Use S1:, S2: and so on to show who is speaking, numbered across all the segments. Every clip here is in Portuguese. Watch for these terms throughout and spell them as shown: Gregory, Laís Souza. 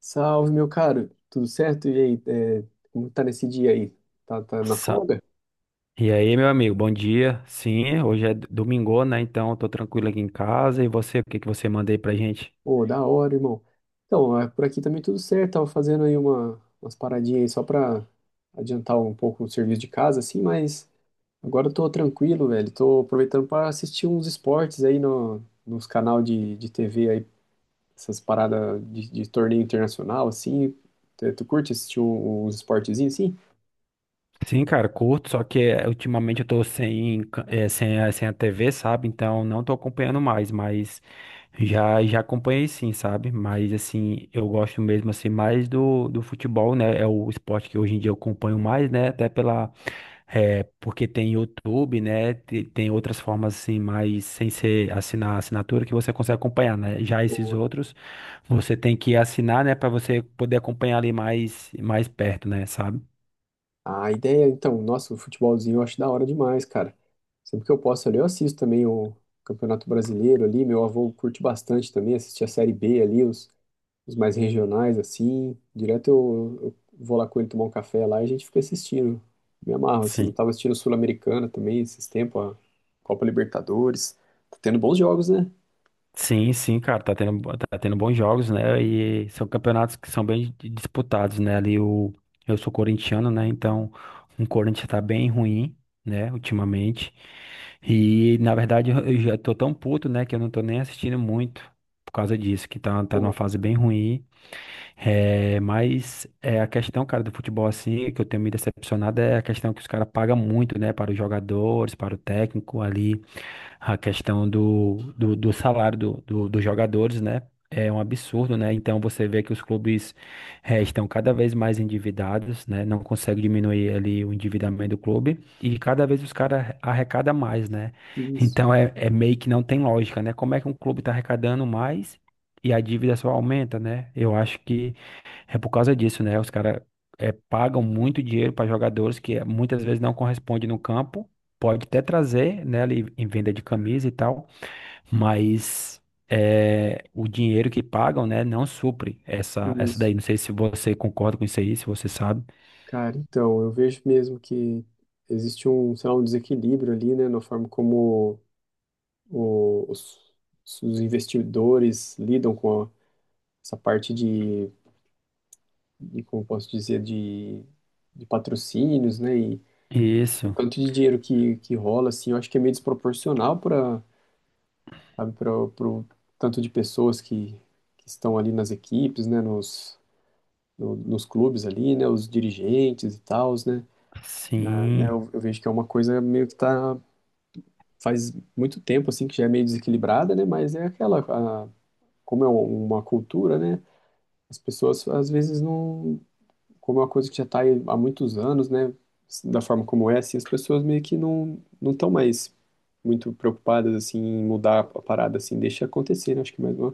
S1: Salve, meu caro. Tudo certo? E aí, é, como tá nesse dia aí? Tá na
S2: Sa-
S1: folga?
S2: E aí, meu amigo, bom dia. Sim, hoje é domingo, né? Então, eu tô tranquilo aqui em casa. E você, o que que você manda aí pra gente?
S1: Ô, da hora, irmão. Então, por aqui também tudo certo. Tava fazendo aí umas paradinhas aí só pra adiantar um pouco o serviço de casa, assim, mas agora eu tô tranquilo, velho. Tô aproveitando pra assistir uns esportes aí no, nos canal de TV aí, essas paradas de torneio internacional, assim. Tu curte assistir uns esportezinhos, assim?
S2: Sim, cara, curto, só que ultimamente eu tô sem, ca- eh, sem, a- sem a TV, sabe? Então, não tô acompanhando mais, mas já acompanhei sim, sabe? Mas, assim, eu gosto mesmo, assim, mais do futebol, né? É o esporte que hoje em dia eu acompanho mais, né? Porque tem YouTube, né? Tem outras formas assim, mas sem ser assinar a assinatura que você consegue acompanhar, né? Já esses outros, você tem que assinar, né, para você poder acompanhar ali mais perto, né, sabe?
S1: A ideia, então, nossa, o futebolzinho eu acho da hora demais, cara. Sempre que eu posso ali, eu assisto também o Campeonato Brasileiro ali. Meu avô curte bastante também, assistir a Série B ali, os mais regionais, assim. Direto eu vou lá com ele tomar um café lá e a gente fica assistindo. Me amarro, assim.
S2: Sim.
S1: Tava assistindo Sul-Americana também esses tempos, a Copa Libertadores. Tá tendo bons jogos, né?
S2: Sim, sim, cara, tá tendo bons jogos, né? E são campeonatos que são bem disputados, né? Eu sou corintiano, né? Então o Corinthians tá bem ruim, né? Ultimamente. E na verdade eu já tô tão puto, né? Que eu não tô nem assistindo muito por causa disso, que tá numa
S1: Pô,
S2: fase bem ruim. É, mas é, a questão, cara, do futebol assim, que eu tenho me decepcionado é a questão que os caras pagam muito, né, para os jogadores, para o técnico ali, a questão do salário dos jogadores, né, é um absurdo, né, então você vê que os clubes estão cada vez mais endividados, né, não consegue diminuir ali o endividamento do clube e cada vez os caras arrecadam mais, né,
S1: isso,
S2: então é meio que não tem lógica, né, como é que um clube está arrecadando mais e a dívida só aumenta, né, eu acho que é por causa disso, né? Os caras pagam muito dinheiro para jogadores que muitas vezes não correspondem no campo. Pode até trazer, né, ali em venda de camisa e tal, mas o dinheiro que pagam, né, não supre essa
S1: isso.
S2: daí. Não sei se você concorda com isso aí, se você sabe.
S1: Cara, então, eu vejo mesmo que existe sei lá, um desequilíbrio ali, né, na forma como o- os, os investidores lidam essa parte como eu posso dizer, de patrocínios, né? E o
S2: Isso,
S1: tanto de dinheiro que rola, assim, eu acho que é meio desproporcional para o tanto de pessoas que estão ali nas equipes, né? Nos, no- nos clubes ali, né? Os dirigentes e tals, né?
S2: sim.
S1: Eu vejo que é uma coisa meio que tá, faz muito tempo, assim, que já é meio desequilibrada, né? Mas é aquela, como é uma cultura, né? As pessoas às vezes não, como é uma coisa que já está há muitos anos, né, da forma como é, assim, as pessoas meio que não estão mais muito preocupadas assim em mudar a parada assim, deixa acontecer, né? Acho que é mais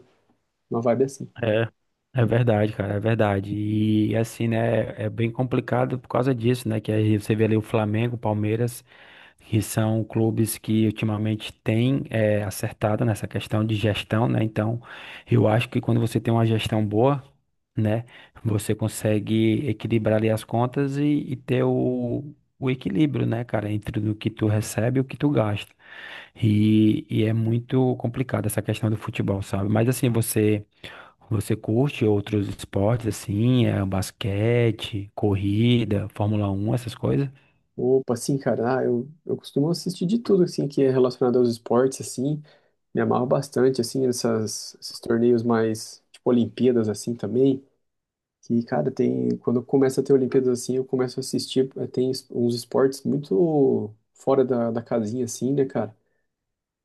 S1: uma vibe assim.
S2: É, é verdade, cara, é verdade. E assim, né, é bem complicado por causa disso, né, que aí você vê ali o Flamengo, o Palmeiras, que são clubes que ultimamente têm acertado nessa questão de gestão, né? Então, eu acho que quando você tem uma gestão boa, né, você consegue equilibrar ali as contas e ter o equilíbrio, né, cara, entre o que tu recebe e o que tu gasta. E é muito complicado essa questão do futebol, sabe? Mas assim, você curte outros esportes assim, é, basquete, corrida, Fórmula 1, essas coisas?
S1: Opa, assim, cara, ah, eu costumo assistir de tudo assim que é relacionado aos esportes assim, me amarro bastante assim essas esses torneios mais tipo Olimpíadas assim também. Que, cara, tem. Quando começa a ter Olimpíadas assim, eu começo a assistir. Tem uns esportes muito fora da, da casinha, assim, né, cara? Não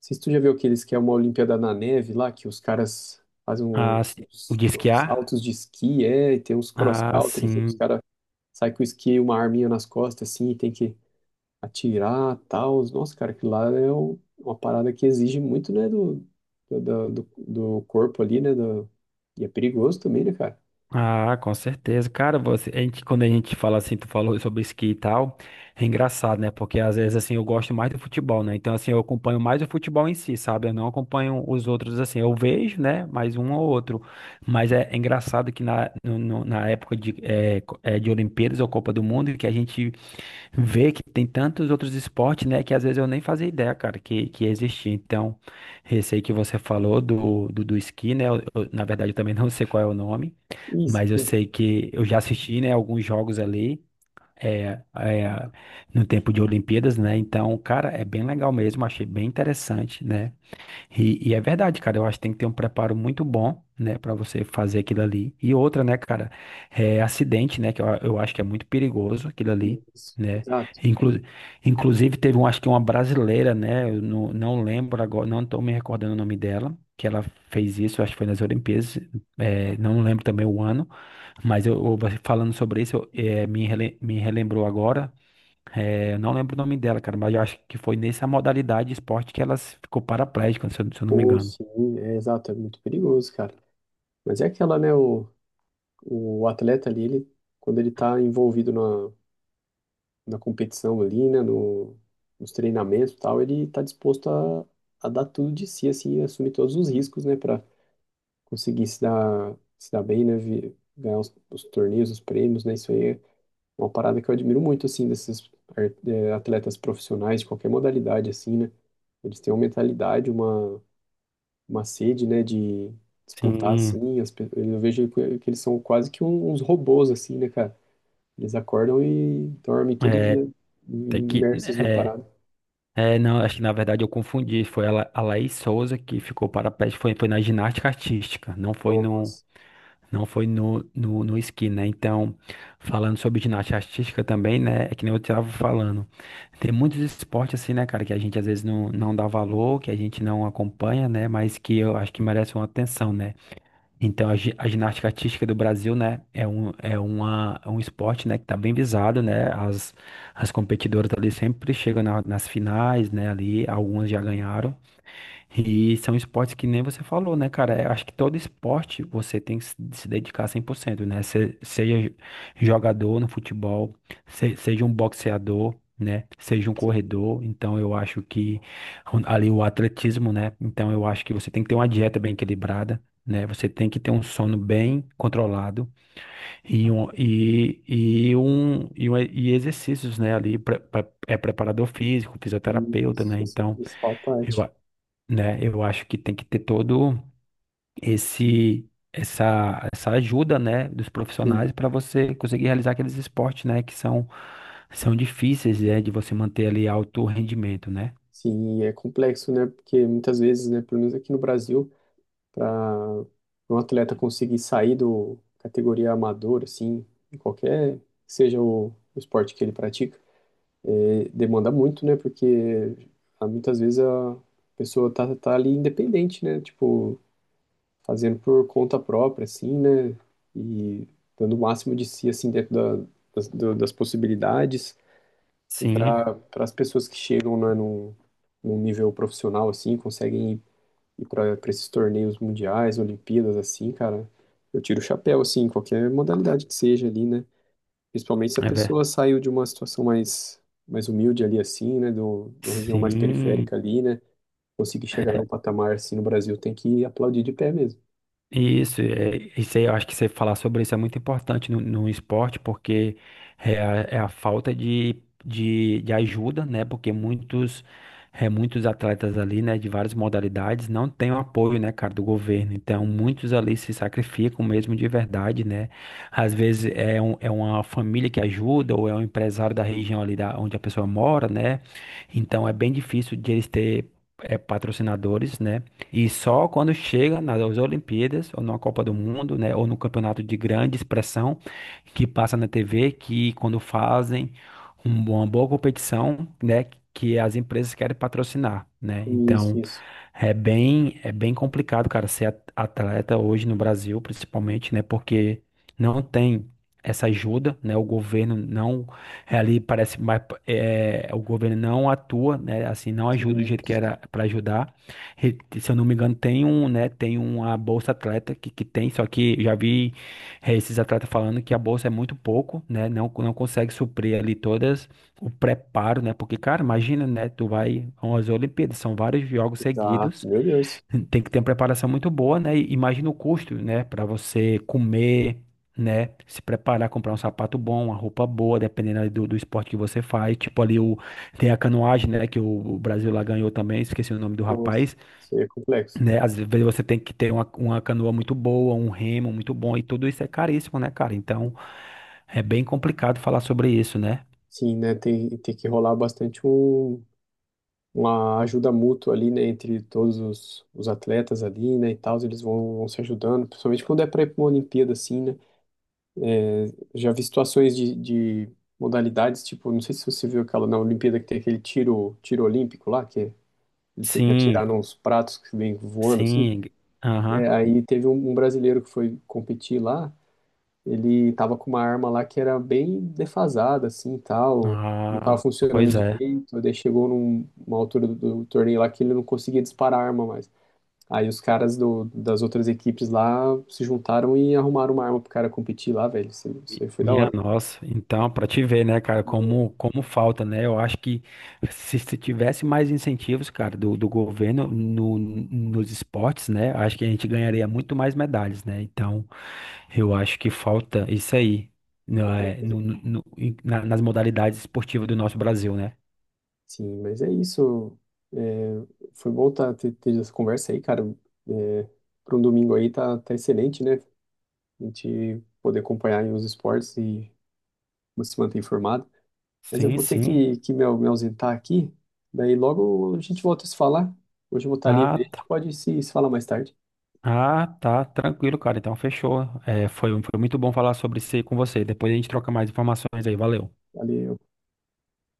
S1: sei se tu já viu aqueles que é uma Olimpíada na neve lá, que os caras fazem
S2: Ah, sim. O de
S1: uns
S2: esquiar?
S1: saltos de esqui, é, e tem uns
S2: Ah,
S1: cross-country, assim, que os
S2: sim.
S1: caras saem com o esqui e uma arminha nas costas, assim, e tem que atirar tal. Nossa, cara, aquilo lá é uma parada que exige muito, né, do corpo ali, né? Do, e é perigoso também, né, cara?
S2: Ah, com certeza. Cara, você, a gente, quando a gente fala assim, tu falou sobre esqui e tal, é engraçado, né? Porque às vezes assim eu gosto mais do futebol, né? Então assim, eu acompanho mais o futebol em si, sabe? Eu não acompanho os outros assim. Eu vejo, né? Mais um ou outro. Mas é, é engraçado que na, no- no- na época de, eh, co- eh, de Olimpíadas ou Copa do Mundo, que a gente ver que tem tantos outros esportes, né, que às vezes eu nem fazia ideia, cara, que existia. Então, esse aí que você falou do esqui, né, na verdade eu também não sei qual é o nome, mas eu
S1: Isso.
S2: sei que eu já assisti, né, alguns jogos ali, é, é, no tempo de Olimpíadas, né, então, cara, é bem legal mesmo, achei bem interessante, né, e é verdade, cara. Eu acho que tem que ter um preparo muito bom, né, pra você fazer aquilo ali. E outra, né, cara, é acidente, né, que eu acho que é muito perigoso aquilo ali,
S1: Isso,
S2: né?
S1: exato.
S2: Inclu, inclusive teve um, acho que uma brasileira, né, eu não lembro agora, não tô me recordando o nome dela, que ela fez isso, acho que foi nas Olimpíadas, não lembro também o ano, mas você falando sobre isso, me relembrou agora. Eu não lembro o nome dela, cara, mas eu acho que foi nessa modalidade de esporte que ela ficou paraplégica, se eu não me
S1: Ou
S2: engano.
S1: sim, é exato, é muito perigoso, cara. Mas é aquela, né? O atleta ali, ele, quando ele tá envolvido na competição ali, né? No, nos treinamentos e tal, ele tá disposto a dar tudo de si, assim, e assumir todos os riscos, né? Pra conseguir se dar bem, né? Ganhar os torneios, os prêmios, né? Isso aí é uma parada que eu admiro muito, assim, desses atletas profissionais de qualquer modalidade, assim, né? Eles têm uma mentalidade, uma sede, né, de disputar
S2: Sim,
S1: assim, eu vejo que eles são quase que uns robôs assim, né, cara? Eles acordam e dormem todo
S2: é,
S1: dia
S2: tem que,
S1: imersos na
S2: é,
S1: parada.
S2: é, não, acho que na verdade eu confundi, foi a Laís Souza que ficou para pé, foi na ginástica artística, não foi no,
S1: Nossa,
S2: não foi no, no, no esqui, né, então, falando sobre ginástica artística também, né, é que nem eu estava falando, tem muitos esportes assim, né, cara, que a gente às vezes não dá valor, que a gente não acompanha, né, mas que eu acho que merece uma atenção, né, Então, a ginástica artística do Brasil, né, é um esporte, né, que tá bem visado, né, as competidoras ali sempre chegam nas finais, né, ali, algumas já ganharam, e são esportes que nem você falou, né, cara? Eu acho que todo esporte você tem que se dedicar 100%, né? Seja jogador no futebol, seja um boxeador, né? Seja um
S1: sim.
S2: corredor. Então, eu acho que ali o atletismo, né? Então, eu acho que você tem que ter uma dieta bem equilibrada, né? Você tem que ter um sono bem controlado e exercícios, né? Ali, é preparador físico, fisioterapeuta, né?
S1: Isso, essa é a
S2: Então,
S1: principal parte.
S2: né? Eu acho que tem que ter todo esse essa essa ajuda, né, dos profissionais
S1: Sim,
S2: para você conseguir realizar aqueles esportes, né, que são difíceis, é, de você manter ali alto rendimento, né?
S1: sim, e é complexo, né? Porque muitas vezes, né, pelo menos aqui no Brasil, para um atleta conseguir sair do categoria amador, assim, em qualquer seja o esporte que ele pratica. É, demanda muito, né? Porque ah, muitas vezes a pessoa tá ali independente, né? Tipo, fazendo por conta própria, assim, né? E dando o máximo de si, assim, das possibilidades. E
S2: Sim,
S1: para as pessoas que chegam, né, num nível profissional, assim, conseguem ir para esses torneios mundiais, Olimpíadas, assim, cara, eu tiro o chapéu, assim, em qualquer modalidade que seja ali, né? Principalmente se a
S2: é verdade.
S1: pessoa saiu de uma situação mais humilde ali assim, né, de uma região mais periférica
S2: Sim,
S1: ali, né, conseguir chegar num patamar assim no Brasil tem que aplaudir de pé mesmo.
S2: isso, isso aí, eu acho que você falar sobre isso é muito importante no esporte, porque é a falta de ajuda, né? Porque muitos atletas ali, né, de várias modalidades, não têm o apoio, né, cara, do governo. Então, muitos ali se sacrificam mesmo de verdade, né? Às vezes é uma família que ajuda, ou é um empresário da região ali onde a pessoa mora, né? Então, é bem difícil de eles ter patrocinadores, né? E só quando chega nas Olimpíadas, ou numa Copa do Mundo, né, ou num campeonato de grande expressão, que passa na TV, que quando fazem uma boa competição, né, que as empresas querem patrocinar, né?
S1: Isso,
S2: Então,
S1: isso.
S2: é bem complicado, cara, ser atleta hoje no Brasil, principalmente, né, porque não tem essa ajuda, né? O governo não é, ali parece mais é, O governo não atua, né? Assim, não ajuda do
S1: Sim,
S2: jeito que era para ajudar. Se eu não me engano, tem um, né? Tem uma bolsa atleta que tem, só que já vi esses atletas falando que a bolsa é muito pouco, né? Não consegue suprir ali todas o preparo, né? Porque, cara, imagina, né? Tu vai a umas Olimpíadas, são vários jogos
S1: exato.
S2: seguidos,
S1: Meu Deus.
S2: tem que ter uma preparação muito boa, né? E imagina o custo, né? Para você comer, né? Se preparar, comprar um sapato bom, uma roupa boa, dependendo ali do esporte que você faz. Tipo, tem a canoagem, né? Que o Brasil lá ganhou também, esqueci o nome do
S1: Nossa,
S2: rapaz,
S1: isso aí é complexo.
S2: né? Às vezes você tem que ter uma canoa muito boa, um remo muito bom, e tudo isso é caríssimo, né, cara? Então é bem complicado falar sobre isso, né?
S1: Sim, né, tem que rolar bastante uma ajuda mútua ali, né, entre todos os atletas ali, né, e tal, vão se ajudando, principalmente quando é para ir para uma Olimpíada assim, né. Já vi situações de modalidades, tipo, não sei se você viu aquela na Olimpíada que tem aquele tiro, tiro olímpico lá, que eles têm que
S2: Sim,
S1: atirar nos pratos que vem voando, assim.
S2: sim.
S1: É,
S2: Aham.
S1: aí teve um brasileiro que foi competir lá, ele tava com uma arma lá que era bem defasada, assim, tal, não tava
S2: Ah,
S1: funcionando
S2: pois é.
S1: direito, daí chegou numa altura do torneio lá que ele não conseguia disparar a arma mais. Aí os caras das outras equipes lá se juntaram e arrumaram uma arma pro cara competir lá, velho. Isso aí foi da
S2: Minha
S1: hora.
S2: nossa, então, para te ver, né, cara, como falta, né? Eu acho que se tivesse mais incentivos, cara, do governo no, nos esportes, né, acho que a gente ganharia muito mais medalhas, né? Então, eu acho que falta isso aí, né, nas modalidades esportivas do nosso Brasil, né?
S1: Sim, mas é isso. É, foi bom ter essa conversa aí, cara. É, para um domingo aí tá excelente, né? A gente poder acompanhar aí os esportes e se manter informado. Mas eu
S2: Sim,
S1: vou ter
S2: sim.
S1: que me ausentar aqui. Daí logo a gente volta a se falar. Hoje eu vou estar livre,
S2: Ah,
S1: a gente
S2: tá.
S1: pode se falar mais tarde.
S2: Ah, tá, tranquilo, cara. Então, fechou. É, foi muito bom falar sobre isso aí com você. Depois a gente troca mais informações aí. Valeu.
S1: Valeu.